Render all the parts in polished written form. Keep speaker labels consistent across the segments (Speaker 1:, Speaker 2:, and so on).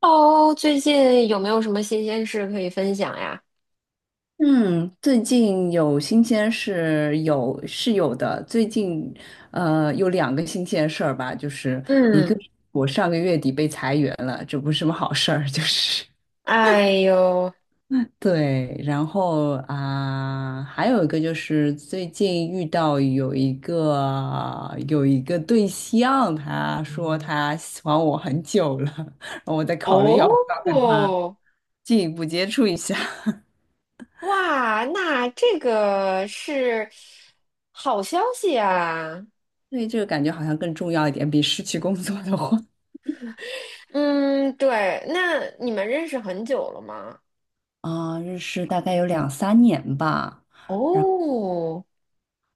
Speaker 1: 哦，最近有没有什么新鲜事可以分享呀？
Speaker 2: 嗯，最近有新鲜事有是有的。最近，有两个新鲜事儿吧，就是一个
Speaker 1: 嗯，
Speaker 2: 是我上个月底被裁员了，这不是什么好事儿，就是
Speaker 1: 哎呦，
Speaker 2: 对。然后啊、还有一个就是最近遇到有一个对象，他说他喜欢我很久了，然后我在考虑
Speaker 1: 哦，
Speaker 2: 要不要跟他进一步接触一下。
Speaker 1: 哇，那这个是好消息啊。
Speaker 2: 对，这个感觉好像更重要一点，比失去工作的话。
Speaker 1: 嗯，对，那你们认识很久了吗？
Speaker 2: 啊、认识大概有两三年吧。
Speaker 1: 哦，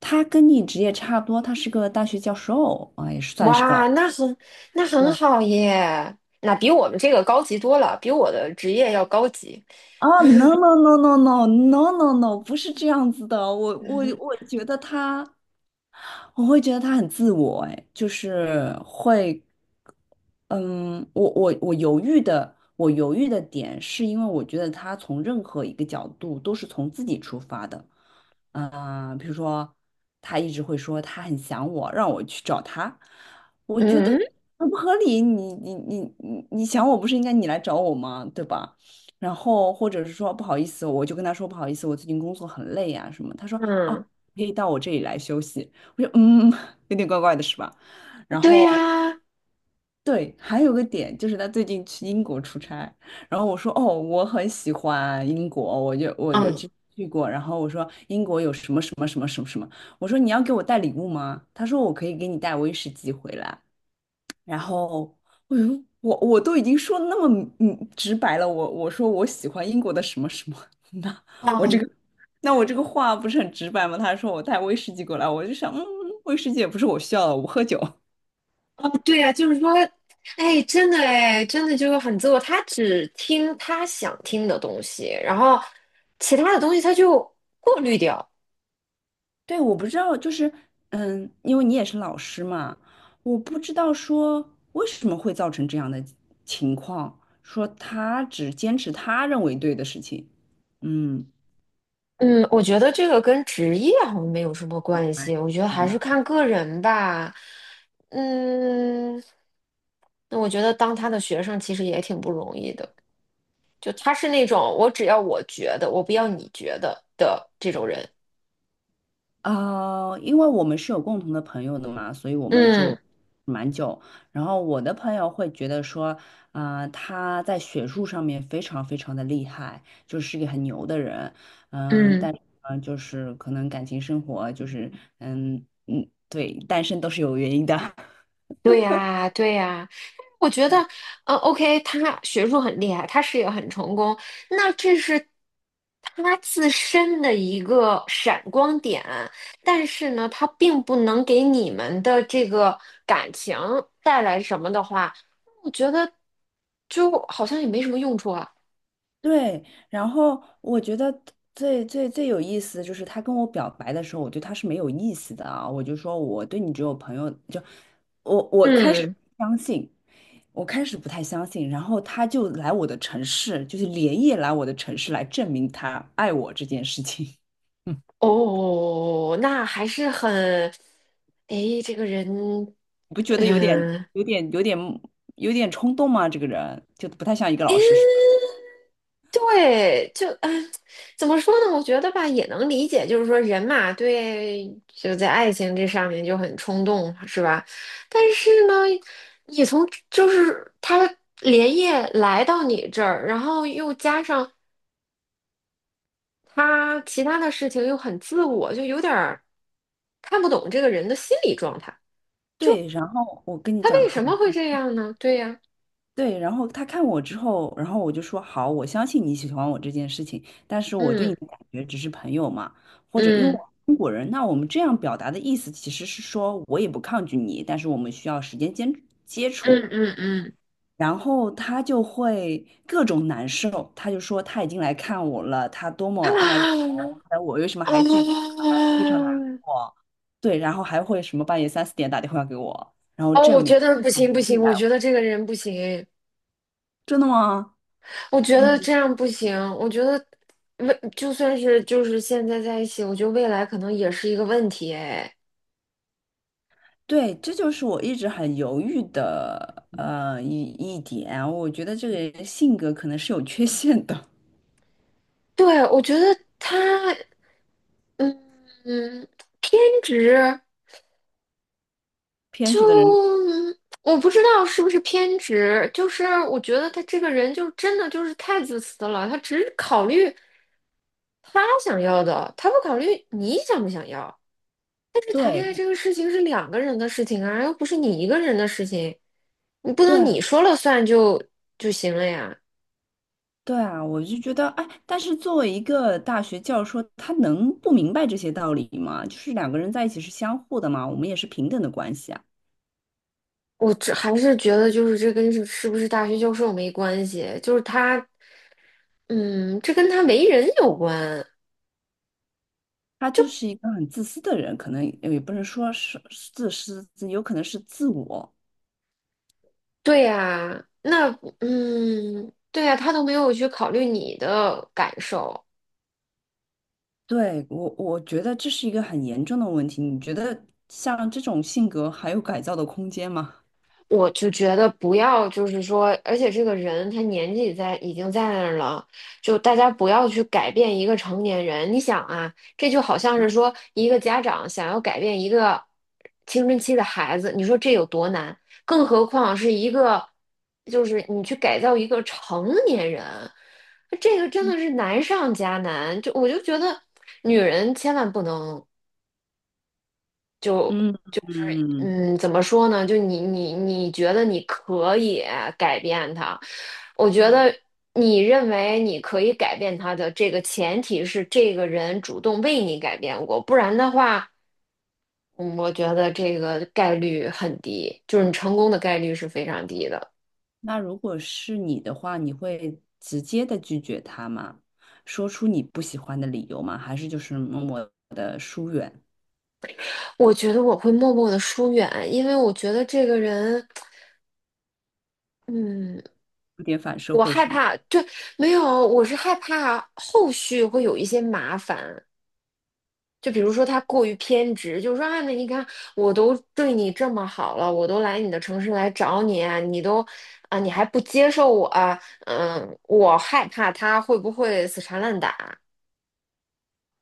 Speaker 2: 他跟你职业差不多，他是个大学教授啊、也是算是个老
Speaker 1: 哇，
Speaker 2: 师。
Speaker 1: 那很那很
Speaker 2: 对
Speaker 1: 好耶，那比我们这个高级多了，比我的职业要高级。
Speaker 2: 啊，no no no no no no no no，不是这样子的。我觉得他，我会觉得他很自我，哎，就是会，嗯，我犹豫的，我犹豫的点是因为我觉得他从任何一个角度都是从自己出发的。比如说他一直会说他很想我，让我去找他，我觉得
Speaker 1: 嗯
Speaker 2: 很不合理。你想我不是应该你来找我吗？对吧？然后或者是说不好意思，我就跟他说不好意思，我最近工作很累呀、什么。他说哦，
Speaker 1: 嗯，
Speaker 2: 可以到我这里来休息。我说嗯，有点怪怪的是吧？然
Speaker 1: 对
Speaker 2: 后。
Speaker 1: 呀，
Speaker 2: 对，还有个点就是他最近去英国出差，然后我说哦，我很喜欢英国，我就
Speaker 1: 嗯。
Speaker 2: 去去过，然后我说英国有什么什么什么什么什么，我说你要给我带礼物吗？他说我可以给你带威士忌回来，然后哎呦，我都已经说得那么直白了，我说我喜欢英国的什么什么，那我这
Speaker 1: 嗯
Speaker 2: 个那我这个话不是很直白吗？他说我带威士忌过来，我就想嗯，威士忌也不是我需要的，我不喝酒。
Speaker 1: 哦，对呀，就是说，哎，真的哎，真的就是很自我，他只听他想听的东西，然后其他的东西他就过滤掉。
Speaker 2: 对，我不知道，就是，嗯，因为你也是老师嘛，我不知道说为什么会造成这样的情况，说他只坚持他认为对的事情，嗯，
Speaker 1: 嗯，我觉得这个跟职业好像没有什么关
Speaker 2: 哎，
Speaker 1: 系，我觉得
Speaker 2: 明
Speaker 1: 还
Speaker 2: 白
Speaker 1: 是看个人吧。嗯，那我觉得当他的学生其实也挺不容易的，就他是那种我只要我觉得，我不要你觉得的这种人。
Speaker 2: 啊，因为我们是有共同的朋友的嘛，所以我们
Speaker 1: 嗯
Speaker 2: 就蛮久。然后我的朋友会觉得说，啊、他在学术上面非常非常的厉害，就是一个很牛的人。嗯、
Speaker 1: 嗯，
Speaker 2: 但是呢就是可能感情生活就是，嗯嗯，对，单身都是有原因的。
Speaker 1: 对呀，对呀。我觉得，嗯 o k 他学术很厉害，他事业很成功，那这是他自身的一个闪光点，但是呢，他并不能给你们的这个感情带来什么的话，我觉得就好像也没什么用处啊。
Speaker 2: 对，然后我觉得最最最有意思的就是他跟我表白的时候，我对他是没有意思的啊，我就说我对你只有朋友，就我开始
Speaker 1: 嗯，
Speaker 2: 相信，我开始不太相信，然后他就来我的城市，就是连夜来我的城市来证明他爱我这件事情，嗯，
Speaker 1: 哦，哦哦哦那还是很，哎，这个人，
Speaker 2: 你不觉得有点
Speaker 1: 嗯。
Speaker 2: 有点有点有点冲动吗？这个人就不太像一个老实人。
Speaker 1: 嗯对，就嗯，哎怎么说呢？我觉得吧，也能理解，就是说人嘛，对，就在爱情这上面就很冲动，是吧？但是呢，你从就是他连夜来到你这儿，然后又加上他其他的事情又很自我，就有点儿看不懂这个人的心理状态，
Speaker 2: 对，然后我跟你
Speaker 1: 他
Speaker 2: 讲，
Speaker 1: 为
Speaker 2: 还。
Speaker 1: 什么会这样呢？对呀，
Speaker 2: 对，然后他看我之后，然后我就说好，我相信你喜欢我这件事情，但是我对你
Speaker 1: 嗯
Speaker 2: 的感觉只是朋友嘛，或者因为我
Speaker 1: 嗯
Speaker 2: 是中国人，那我们这样表达的意思其实是说我也不抗拒你，但是我们需要时间接接触。
Speaker 1: 嗯嗯嗯，
Speaker 2: 然后他就会各种难受，他就说他已经来看我了，他多 么爱我，
Speaker 1: 啊。
Speaker 2: 但我为什么还拒绝
Speaker 1: 哦
Speaker 2: 他？他非常难过。对，然后还会什么半夜三四点打电话给我，我
Speaker 1: 哦，
Speaker 2: 证
Speaker 1: 我觉
Speaker 2: 明
Speaker 1: 得不
Speaker 2: 他很
Speaker 1: 行不行，
Speaker 2: 爱
Speaker 1: 我
Speaker 2: 爱
Speaker 1: 觉
Speaker 2: 我。
Speaker 1: 得这个人不行，
Speaker 2: 真的吗？
Speaker 1: 我觉得这样不行，我觉得未就算是就是现在在一起，我觉得未来可能也是一个问题哎。
Speaker 2: 对，这就是我一直很犹豫的一点。我觉得这个人性格可能是有缺陷的，
Speaker 1: 对，我觉得他嗯嗯偏执，
Speaker 2: 偏执的人。
Speaker 1: 就我不知道是不是偏执，就是我觉得他这个人就真的就是太自私了，他只考虑他想要的，他不考虑你想不想要。但是谈恋爱这
Speaker 2: 对
Speaker 1: 个事情是两个人的事情啊，又不是你一个人的事情，你不能你
Speaker 2: 对
Speaker 1: 说了算就就行了呀。
Speaker 2: 对啊，我就觉得哎，但是作为一个大学教授，他能不明白这些道理吗？就是两个人在一起是相互的嘛，我们也是平等的关系啊。
Speaker 1: 我这还是觉得就是这跟是是不是大学教授没关系，就是他，嗯，这跟他为人有关。
Speaker 2: 他就是一个很自私的人，可能也不能说是是自私，有可能是自我。
Speaker 1: 对呀，那嗯，对呀，他都没有去考虑你的感受。
Speaker 2: 对，我觉得这是一个很严重的问题。你觉得像这种性格还有改造的空间吗？
Speaker 1: 我就觉得不要，就是说，而且这个人他年纪在已经在那儿了，就大家不要去改变一个成年人。你想啊，这就好像是说一个家长想要改变一个青春期的孩子，你说这有多难？更何况是一个，就是你去改造一个成年人，这个真的是难上加难。就我就觉得，女人千万不能。
Speaker 2: 嗯嗯
Speaker 1: 嗯，怎么说呢？就你觉得你可以改变他？我觉
Speaker 2: 嗯，
Speaker 1: 得你认为你可以改变他的这个前提是这个人主动为你改变过，不然的话，嗯，我觉得这个概率很低，就是你成功的概率是非常低的。
Speaker 2: 那如果是你的话，你会直接的拒绝他吗？说出你不喜欢的理由吗？还是就是默默的疏远，
Speaker 1: 我觉得我会默默的疏远，因为我觉得这个人，嗯，
Speaker 2: 有点反社
Speaker 1: 我
Speaker 2: 会
Speaker 1: 害
Speaker 2: 是吗？
Speaker 1: 怕，对，没有，我是害怕后续会有一些麻烦。就比如说他过于偏执，就是说啊，那你看我都对你这么好了，我都来你的城市来找你啊你都啊，你还不接受我啊嗯，我害怕他会不会死缠烂打，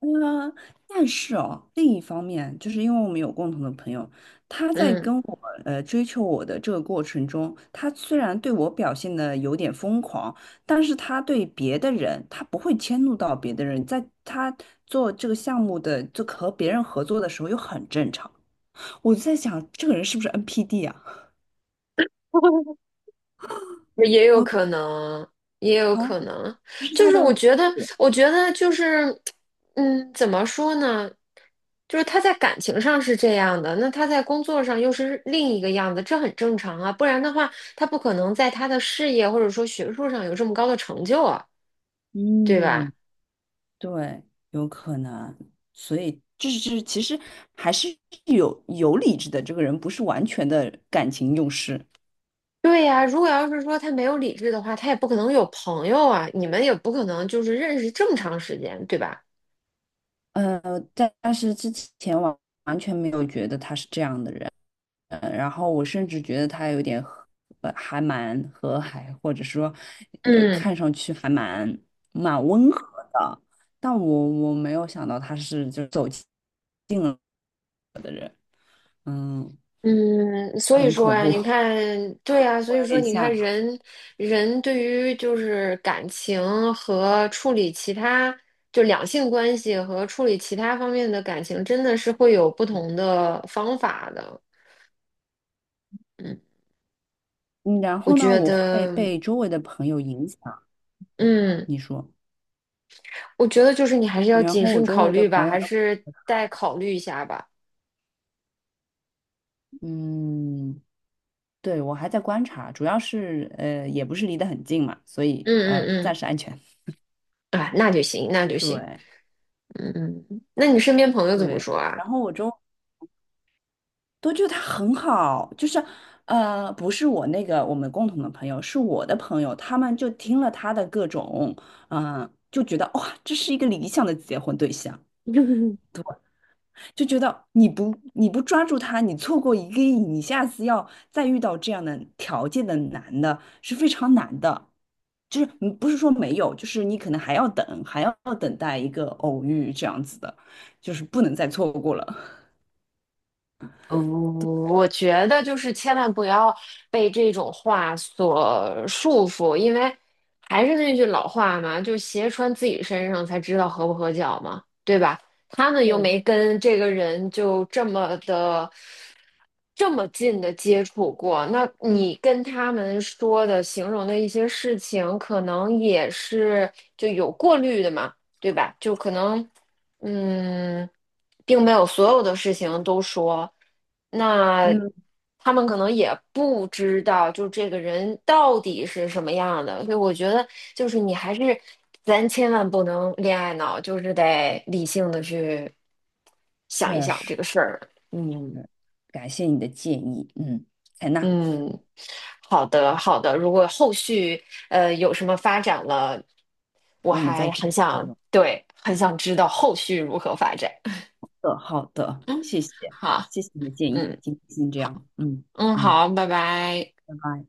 Speaker 2: 嗯，但是哦，另一方面，就是因为我们有共同的朋友，他在
Speaker 1: 嗯。
Speaker 2: 跟我追求我的这个过程中，他虽然对我表现的有点疯狂，但是他对别的人，他不会迁怒到别的人，在他做这个项目的，就和别人合作的时候又很正常。我就在想，这个人是不是 NPD 啊？
Speaker 1: 也有
Speaker 2: 好，
Speaker 1: 可能，也有
Speaker 2: 好，
Speaker 1: 可能，
Speaker 2: 这是
Speaker 1: 就
Speaker 2: 他
Speaker 1: 是
Speaker 2: 的
Speaker 1: 我
Speaker 2: 策
Speaker 1: 觉得，
Speaker 2: 略。
Speaker 1: 我觉得就是，嗯，怎么说呢？就是他在感情上是这样的，那他在工作上又是另一个样子，这很正常啊。不然的话，他不可能在他的事业或者说学术上有这么高的成就啊，对吧？
Speaker 2: 嗯。对，有可能，所以就是，其实还是有理智的，这个人不是完全的感情用事。
Speaker 1: 对呀，如果要是说他没有理智的话，他也不可能有朋友啊，你们也不可能就是认识这么长时间，对吧？
Speaker 2: 呃，但但是之前完完全没有觉得他是这样的人，然后我甚至觉得他有点还蛮和蔼，或者说，
Speaker 1: 嗯。
Speaker 2: 看上去还蛮温和的，但我没有想到他是就走起嗯，
Speaker 1: 嗯，所以
Speaker 2: 很
Speaker 1: 说
Speaker 2: 恐
Speaker 1: 呀，
Speaker 2: 怖，
Speaker 1: 你看，对呀，所
Speaker 2: 会
Speaker 1: 以
Speaker 2: 有
Speaker 1: 说
Speaker 2: 点
Speaker 1: 你看
Speaker 2: 吓。
Speaker 1: 人，人对于就是感情和处理其他，就两性关系和处理其他方面的感情，真的是会有不同的方法的。嗯，
Speaker 2: 嗯，然
Speaker 1: 我
Speaker 2: 后呢，
Speaker 1: 觉
Speaker 2: 我会
Speaker 1: 得，
Speaker 2: 被周围的朋友影响。
Speaker 1: 嗯，
Speaker 2: 你说，
Speaker 1: 我觉得就是你还是要
Speaker 2: 然
Speaker 1: 谨
Speaker 2: 后我
Speaker 1: 慎
Speaker 2: 周
Speaker 1: 考
Speaker 2: 围的
Speaker 1: 虑吧，
Speaker 2: 朋友
Speaker 1: 还
Speaker 2: 都，
Speaker 1: 是再考虑一下吧。
Speaker 2: 嗯，对，我还在观察，主要是也不是离得很近嘛，所以
Speaker 1: 嗯
Speaker 2: 暂
Speaker 1: 嗯
Speaker 2: 时安全。
Speaker 1: 嗯，啊，那就行，那 就行。
Speaker 2: 对
Speaker 1: 嗯嗯，那你身边朋友怎么
Speaker 2: 对，
Speaker 1: 说
Speaker 2: 然
Speaker 1: 啊？
Speaker 2: 后我周都觉得他很好，就是不是我那个我们共同的朋友，是我的朋友，他们就听了他的各种，嗯、就觉得哇，这是一个理想的结婚对象。就觉得你不抓住他，你错过一个亿，你下次要再遇到这样的条件的男的是非常难的。就是不是说没有，就是你可能还要等，还要等待一个偶遇这样子的，就是不能再错过了。
Speaker 1: 嗯，我觉得就是千万不要被这种话所束缚，因为还是那句老话嘛，就鞋穿自己身上才知道合不合脚嘛，对吧？他们又
Speaker 2: 是，
Speaker 1: 没跟这个人就这么的这么近的接触过，那你跟他们说的、形容的一些事情，可能也是就有过滤的嘛，对吧？就可能。嗯，并没有所有的事情都说，那
Speaker 2: 嗯，
Speaker 1: 他们可能也不知道，就这个人到底是什么样的。所以我觉得，就是你还是，咱千万不能恋爱脑，就是得理性的去想一
Speaker 2: 确
Speaker 1: 想这
Speaker 2: 实，
Speaker 1: 个事儿。嗯
Speaker 2: 感谢你的建议，嗯，采纳，
Speaker 1: 嗯，好的好的。如果后续有什么发展了，我
Speaker 2: 我们再
Speaker 1: 还
Speaker 2: 继
Speaker 1: 很
Speaker 2: 续讨
Speaker 1: 想，
Speaker 2: 论
Speaker 1: 对，很想知道后续如何发展。
Speaker 2: 好的，好的，谢 谢，
Speaker 1: 好。
Speaker 2: 谢谢你的建议，
Speaker 1: 嗯，
Speaker 2: 今天先这
Speaker 1: 好，
Speaker 2: 样，嗯
Speaker 1: 嗯，
Speaker 2: 嗯，
Speaker 1: 好，拜拜。
Speaker 2: 拜拜。